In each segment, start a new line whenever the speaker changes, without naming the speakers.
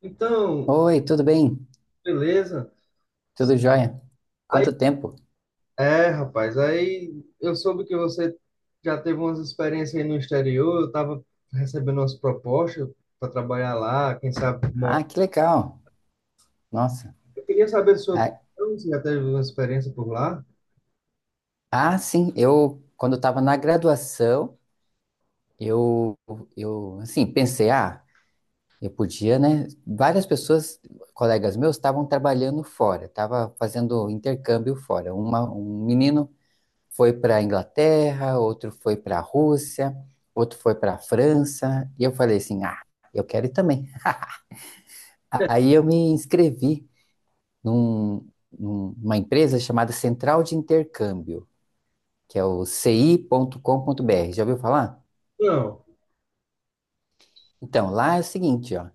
Então,
Oi, tudo bem?
beleza.
Tudo jóia?
Aí,
Quanto tempo?
é, rapaz, aí eu soube que você já teve umas experiências aí no exterior, eu tava recebendo umas propostas para trabalhar lá, quem sabe mora.
Ah, que legal. Nossa.
Eu queria saber sua
Ah,
opinião, você já teve uma experiência por lá?
ah, sim, eu quando eu estava na graduação, eu eu assim, pensei, ah, eu podia, né? Várias pessoas, colegas meus, estavam trabalhando fora, estavam fazendo intercâmbio fora. Um menino foi para a Inglaterra, outro foi para a Rússia, outro foi para a França, e eu falei assim, ah, eu quero ir também. Aí eu me inscrevi num- numa empresa chamada Central de Intercâmbio, que é o ci.com.br. Já ouviu falar?
Não.
Então, lá é o seguinte, ó,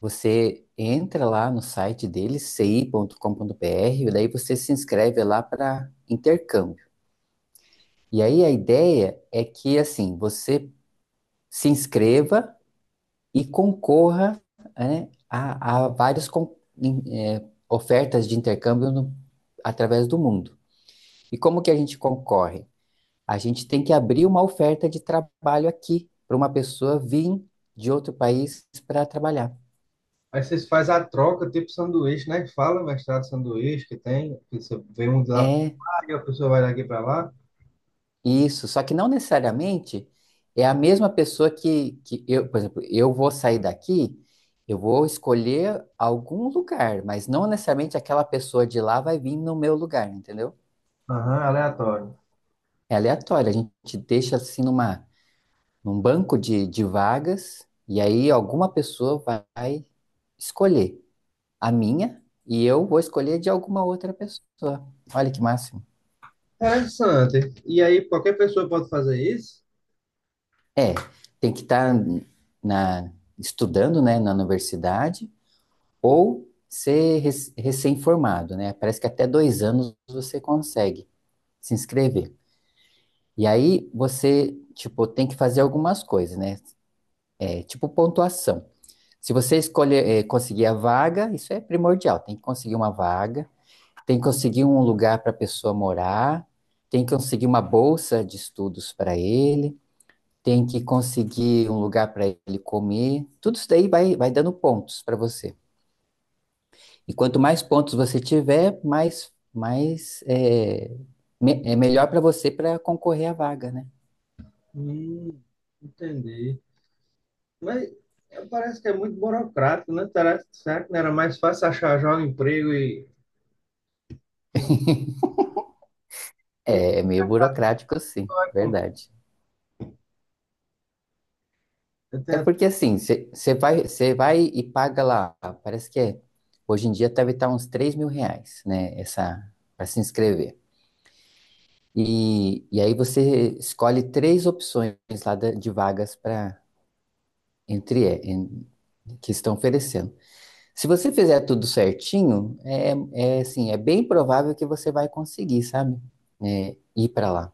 você entra lá no site deles, ci.com.br, e daí você se inscreve lá para intercâmbio. E aí a ideia é que, assim, você se inscreva e concorra, né, a várias eh, ofertas de intercâmbio através do mundo. E como que a gente concorre? A gente tem que abrir uma oferta de trabalho aqui para uma pessoa vir de outro país para trabalhar.
Aí vocês fazem a troca, tipo sanduíche, né? Fala, mestrado sanduíche que tem, que você vem um de lá,
É
e a pessoa vai daqui para lá.
isso, só que não necessariamente é a mesma pessoa que eu, por exemplo, eu vou sair daqui, eu vou escolher algum lugar, mas não necessariamente aquela pessoa de lá vai vir no meu lugar, entendeu?
Aham, aleatório.
É aleatório, a gente deixa assim num banco de vagas e aí alguma pessoa vai escolher a minha e eu vou escolher de alguma outra pessoa. Olha que máximo.
Interessante. E aí, qualquer pessoa pode fazer isso?
É, tem que estar na estudando, né, na universidade ou ser recém-formado, né? Parece que até 2 anos você consegue se inscrever. E aí você, tipo, tem que fazer algumas coisas, né? É, tipo pontuação. Se você escolher, conseguir a vaga, isso é primordial, tem que conseguir uma vaga. Tem que conseguir um lugar para a pessoa morar, tem que conseguir uma bolsa de estudos para ele, tem que conseguir um lugar para ele comer. Tudo isso daí vai dando pontos para você. E quanto mais pontos você tiver, mais é melhor para você para concorrer à vaga, né?
Hum, entendi. Mas é, parece que é muito burocrático, né? Será que não era mais fácil achar já um emprego e.
É, meio burocrático, sim, verdade.
Eu
É
tenho-
porque assim, você vai e paga lá, parece que hoje em dia deve estar uns R$ 3.000, né? Essa, para se inscrever. E aí você escolhe três opções lá de vagas para entre em- que estão oferecendo. Se você fizer tudo certinho, é assim, é bem provável que você vai conseguir, sabe? É, ir para lá.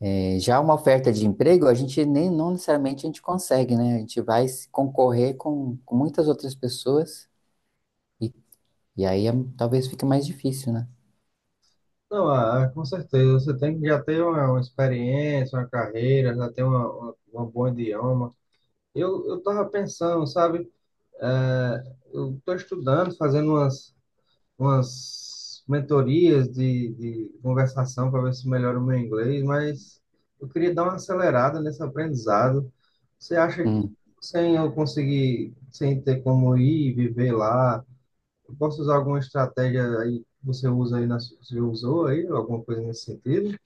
É, já uma oferta de emprego, a gente nem não necessariamente a gente consegue, né? A gente vai se concorrer com muitas outras pessoas e, e aí talvez fique mais difícil, né?
Não, ah, com certeza, você tem que já ter uma experiência, uma carreira, já ter uma bom idioma. Eu tava pensando, sabe? É, eu tô estudando, fazendo umas mentorias de conversação para ver se melhora o meu inglês, mas eu queria dar uma acelerada nesse aprendizado. Você acha que
Hum.
sem eu conseguir, sem ter como ir e viver lá, eu posso usar alguma estratégia aí que você usa aí, na, você usou aí, alguma coisa nesse sentido?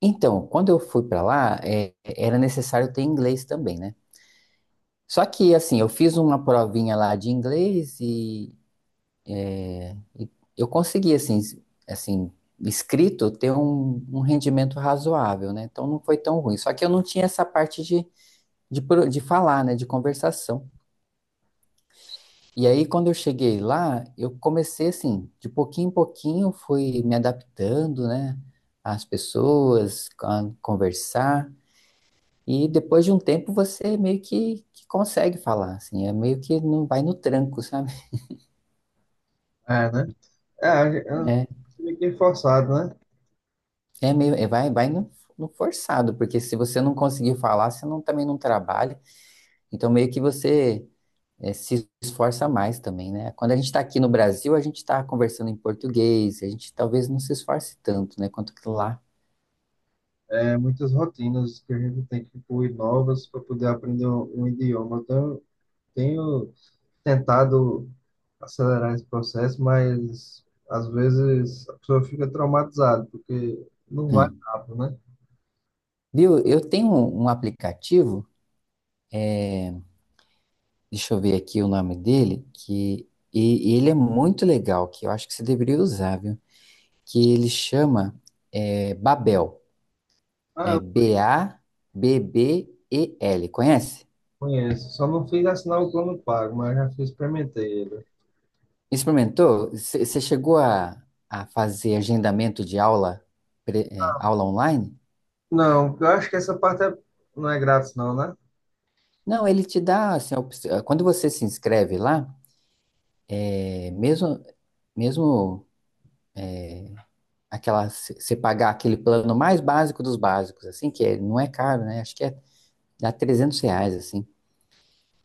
Então, quando eu fui para lá, era necessário ter inglês também, né? Só que, assim, eu fiz uma provinha lá de inglês e eu consegui, assim, escrito ter um rendimento razoável, né? Então não foi tão ruim. Só que eu não tinha essa parte de falar, né? De conversação. E aí, quando eu cheguei lá, eu comecei, assim, de pouquinho em pouquinho, fui me adaptando, né? Às pessoas, a conversar. E depois de um tempo, você meio que consegue falar, assim. É meio que não vai no tranco, sabe?
É, né? É, eu
É,
fiquei forçado, né?
É, meio, vai no forçado, porque se você não conseguir falar, você não, também não trabalha. Então, meio que você se esforça mais também, né? Quando a gente está aqui no Brasil, a gente está conversando em português, a gente talvez não se esforce tanto, né? Quanto que lá.
É, muitas rotinas que a gente tem que incluir novas para poder aprender um idioma. Então, eu tenho tentado acelerar esse processo, mas às vezes a pessoa fica traumatizada, porque não vai
Hum.
rápido, né?
Viu? Eu tenho um aplicativo, deixa eu ver aqui o nome dele, e ele é muito legal, que eu acho que você deveria usar, viu? Que ele chama Babel,
Ah,
é
eu
Babbel, conhece?
conheço, só não fiz assinar o plano pago, mas já fiz, experimentei ele.
Experimentou? Você chegou a fazer agendamento de aula, aula online?
Não, porque eu acho que essa não é grátis, não, né?
Não, ele te dá assim, quando você se inscreve lá, é, mesmo mesmo aquela você pagar aquele plano mais básico dos básicos, assim que não é caro, né? Acho que dá R$ 300 assim.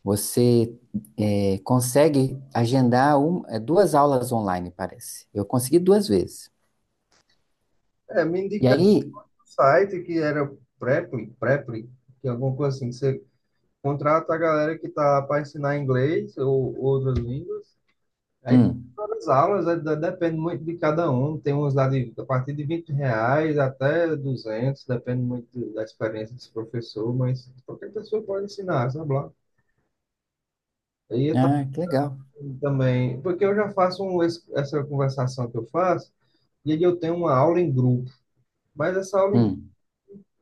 Você consegue agendar duas aulas online, parece. Eu consegui duas vezes.
É, me
E
indicaram
aí,
um site que era Preply, que é alguma coisa assim, que você contrata a galera que tá para ensinar inglês ou outras línguas. Aí
hum,
as aulas, é, depende muito de cada um. Tem uns lá de, a partir de R$ 20 até 200 depende muito da experiência desse professor, mas qualquer pessoa pode ensinar, sabe lá. E eu
ah, que legal.
também, porque eu já faço essa conversação que eu faço, e aí eu tenho uma aula em grupo. Mas essa aula,
Hum,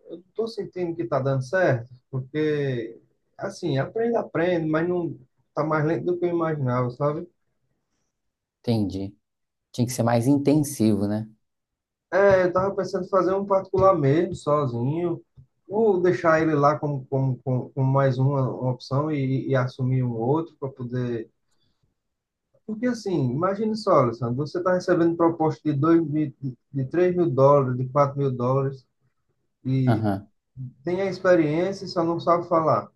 eu não estou sentindo que está dando certo, porque, assim, aprende, aprende, mas não está mais lento do que eu imaginava, sabe?
entendi. Tinha que ser mais intensivo, né?
É, eu tava pensando em fazer um particular mesmo, sozinho, ou deixar ele lá como mais uma opção e assumir um outro para poder. Porque assim, imagine só, Alessandro, você está recebendo proposta de, 2 mil, de 3 mil dólares, de 4 mil dólares, e
Aham.
tem a experiência e só não sabe falar.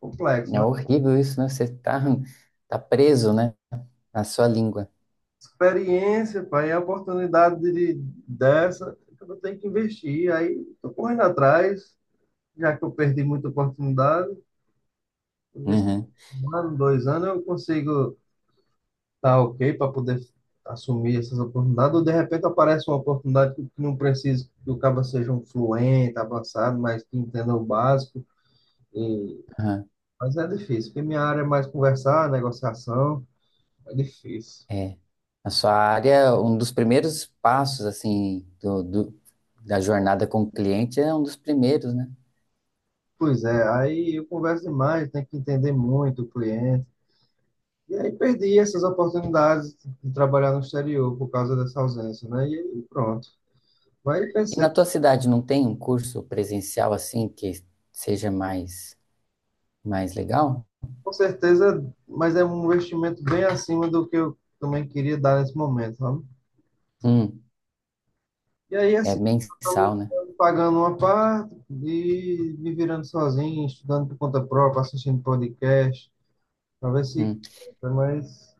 Complexo,
É
né?
horrível isso, né? Você tá preso, né? Na sua língua.
Experiência, pai, é a oportunidade dessa, eu tenho que investir. Aí, tô correndo atrás, já que eu perdi muita oportunidade. Vamos ver se
Uhum.
um ano, 2 anos eu consigo estar ok para poder assumir essas oportunidades, ou de repente aparece uma oportunidade que não precisa que o cara seja um fluente, avançado, mas que entenda o básico. E.
Aham.
Mas é difícil, porque minha área é mais conversar, negociação, é difícil.
É. Na sua área, um dos primeiros passos, assim, da jornada com o cliente é um dos primeiros, né?
Pois é, aí eu converso demais, tenho que entender muito o cliente. E aí perdi essas oportunidades de trabalhar no exterior por causa dessa ausência, né? E aí pronto. Mas
E na tua cidade não tem um curso presencial, assim, que seja mais legal?
com certeza, mas é um investimento bem acima do que eu também queria dar nesse momento, sabe?
Hum.
E aí,
É
assim, eu tô
mensal, né?
pagando uma parte e me virando sozinho, estudando por conta própria, assistindo podcast, pra ver se.
Hum.
Mas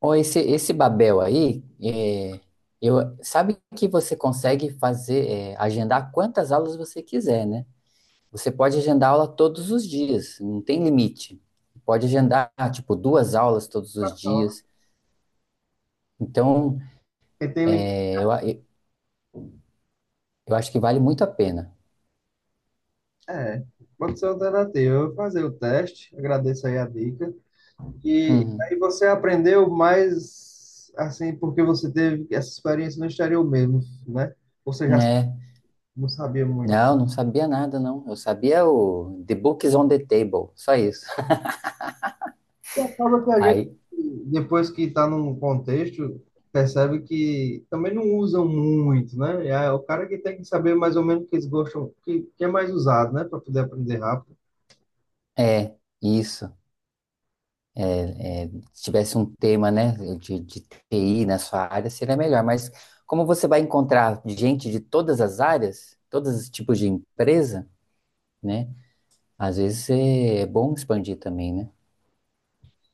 Ó, esse Babel aí, eu, sabe que você consegue fazer, agendar quantas aulas você quiser, né? Você pode agendar aula todos os dias, não tem limite. Pode agendar, tipo, duas aulas todos os
ó,
dias. Então,
quem tem lim-.
é, eu, a- eu acho que vale muito a pena.
É, pode ser alternativa. Eu vou fazer o teste, agradeço aí a dica. E
Uhum.
aí você aprendeu mais, assim, porque você teve essa experiência no exterior mesmo, né? Você já
É,
não sabia muito.
não, não sabia nada, não. Eu sabia o The Books on the Table, só isso.
E acaba que a gente,
Aí,
depois que está num contexto, percebe que também não usam muito, né? É o cara que tem que saber mais ou menos o que eles gostam, o que, que é mais usado, né? Para poder aprender rápido.
é, isso. Se tivesse um tema, né, de TI na sua área, seria melhor. Mas como você vai encontrar gente de todas as áreas, todos os tipos de empresa, né? Às vezes é bom expandir também, né?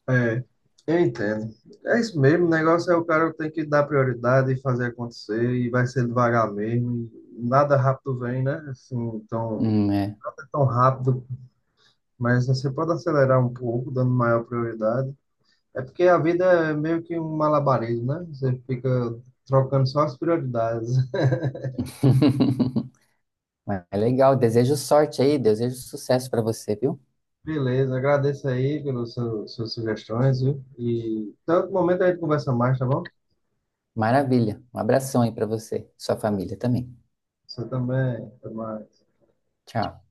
É, eu entendo. É isso mesmo, o negócio é o cara tem que dar prioridade e fazer acontecer, e vai ser devagar mesmo. E nada rápido vem, né? Assim, não
É.
é tão rápido, mas você pode acelerar um pouco, dando maior prioridade. É porque a vida é meio que um malabarismo, né? Você fica trocando só as prioridades.
Mas é legal. Desejo sorte aí, desejo sucesso para você, viu?
Beleza, agradeço aí pelas suas sugestões, viu? E tanto momento a gente conversa mais, tá bom?
Maravilha. Um abração aí para você, sua família também.
Você também, até mais.
Tchau.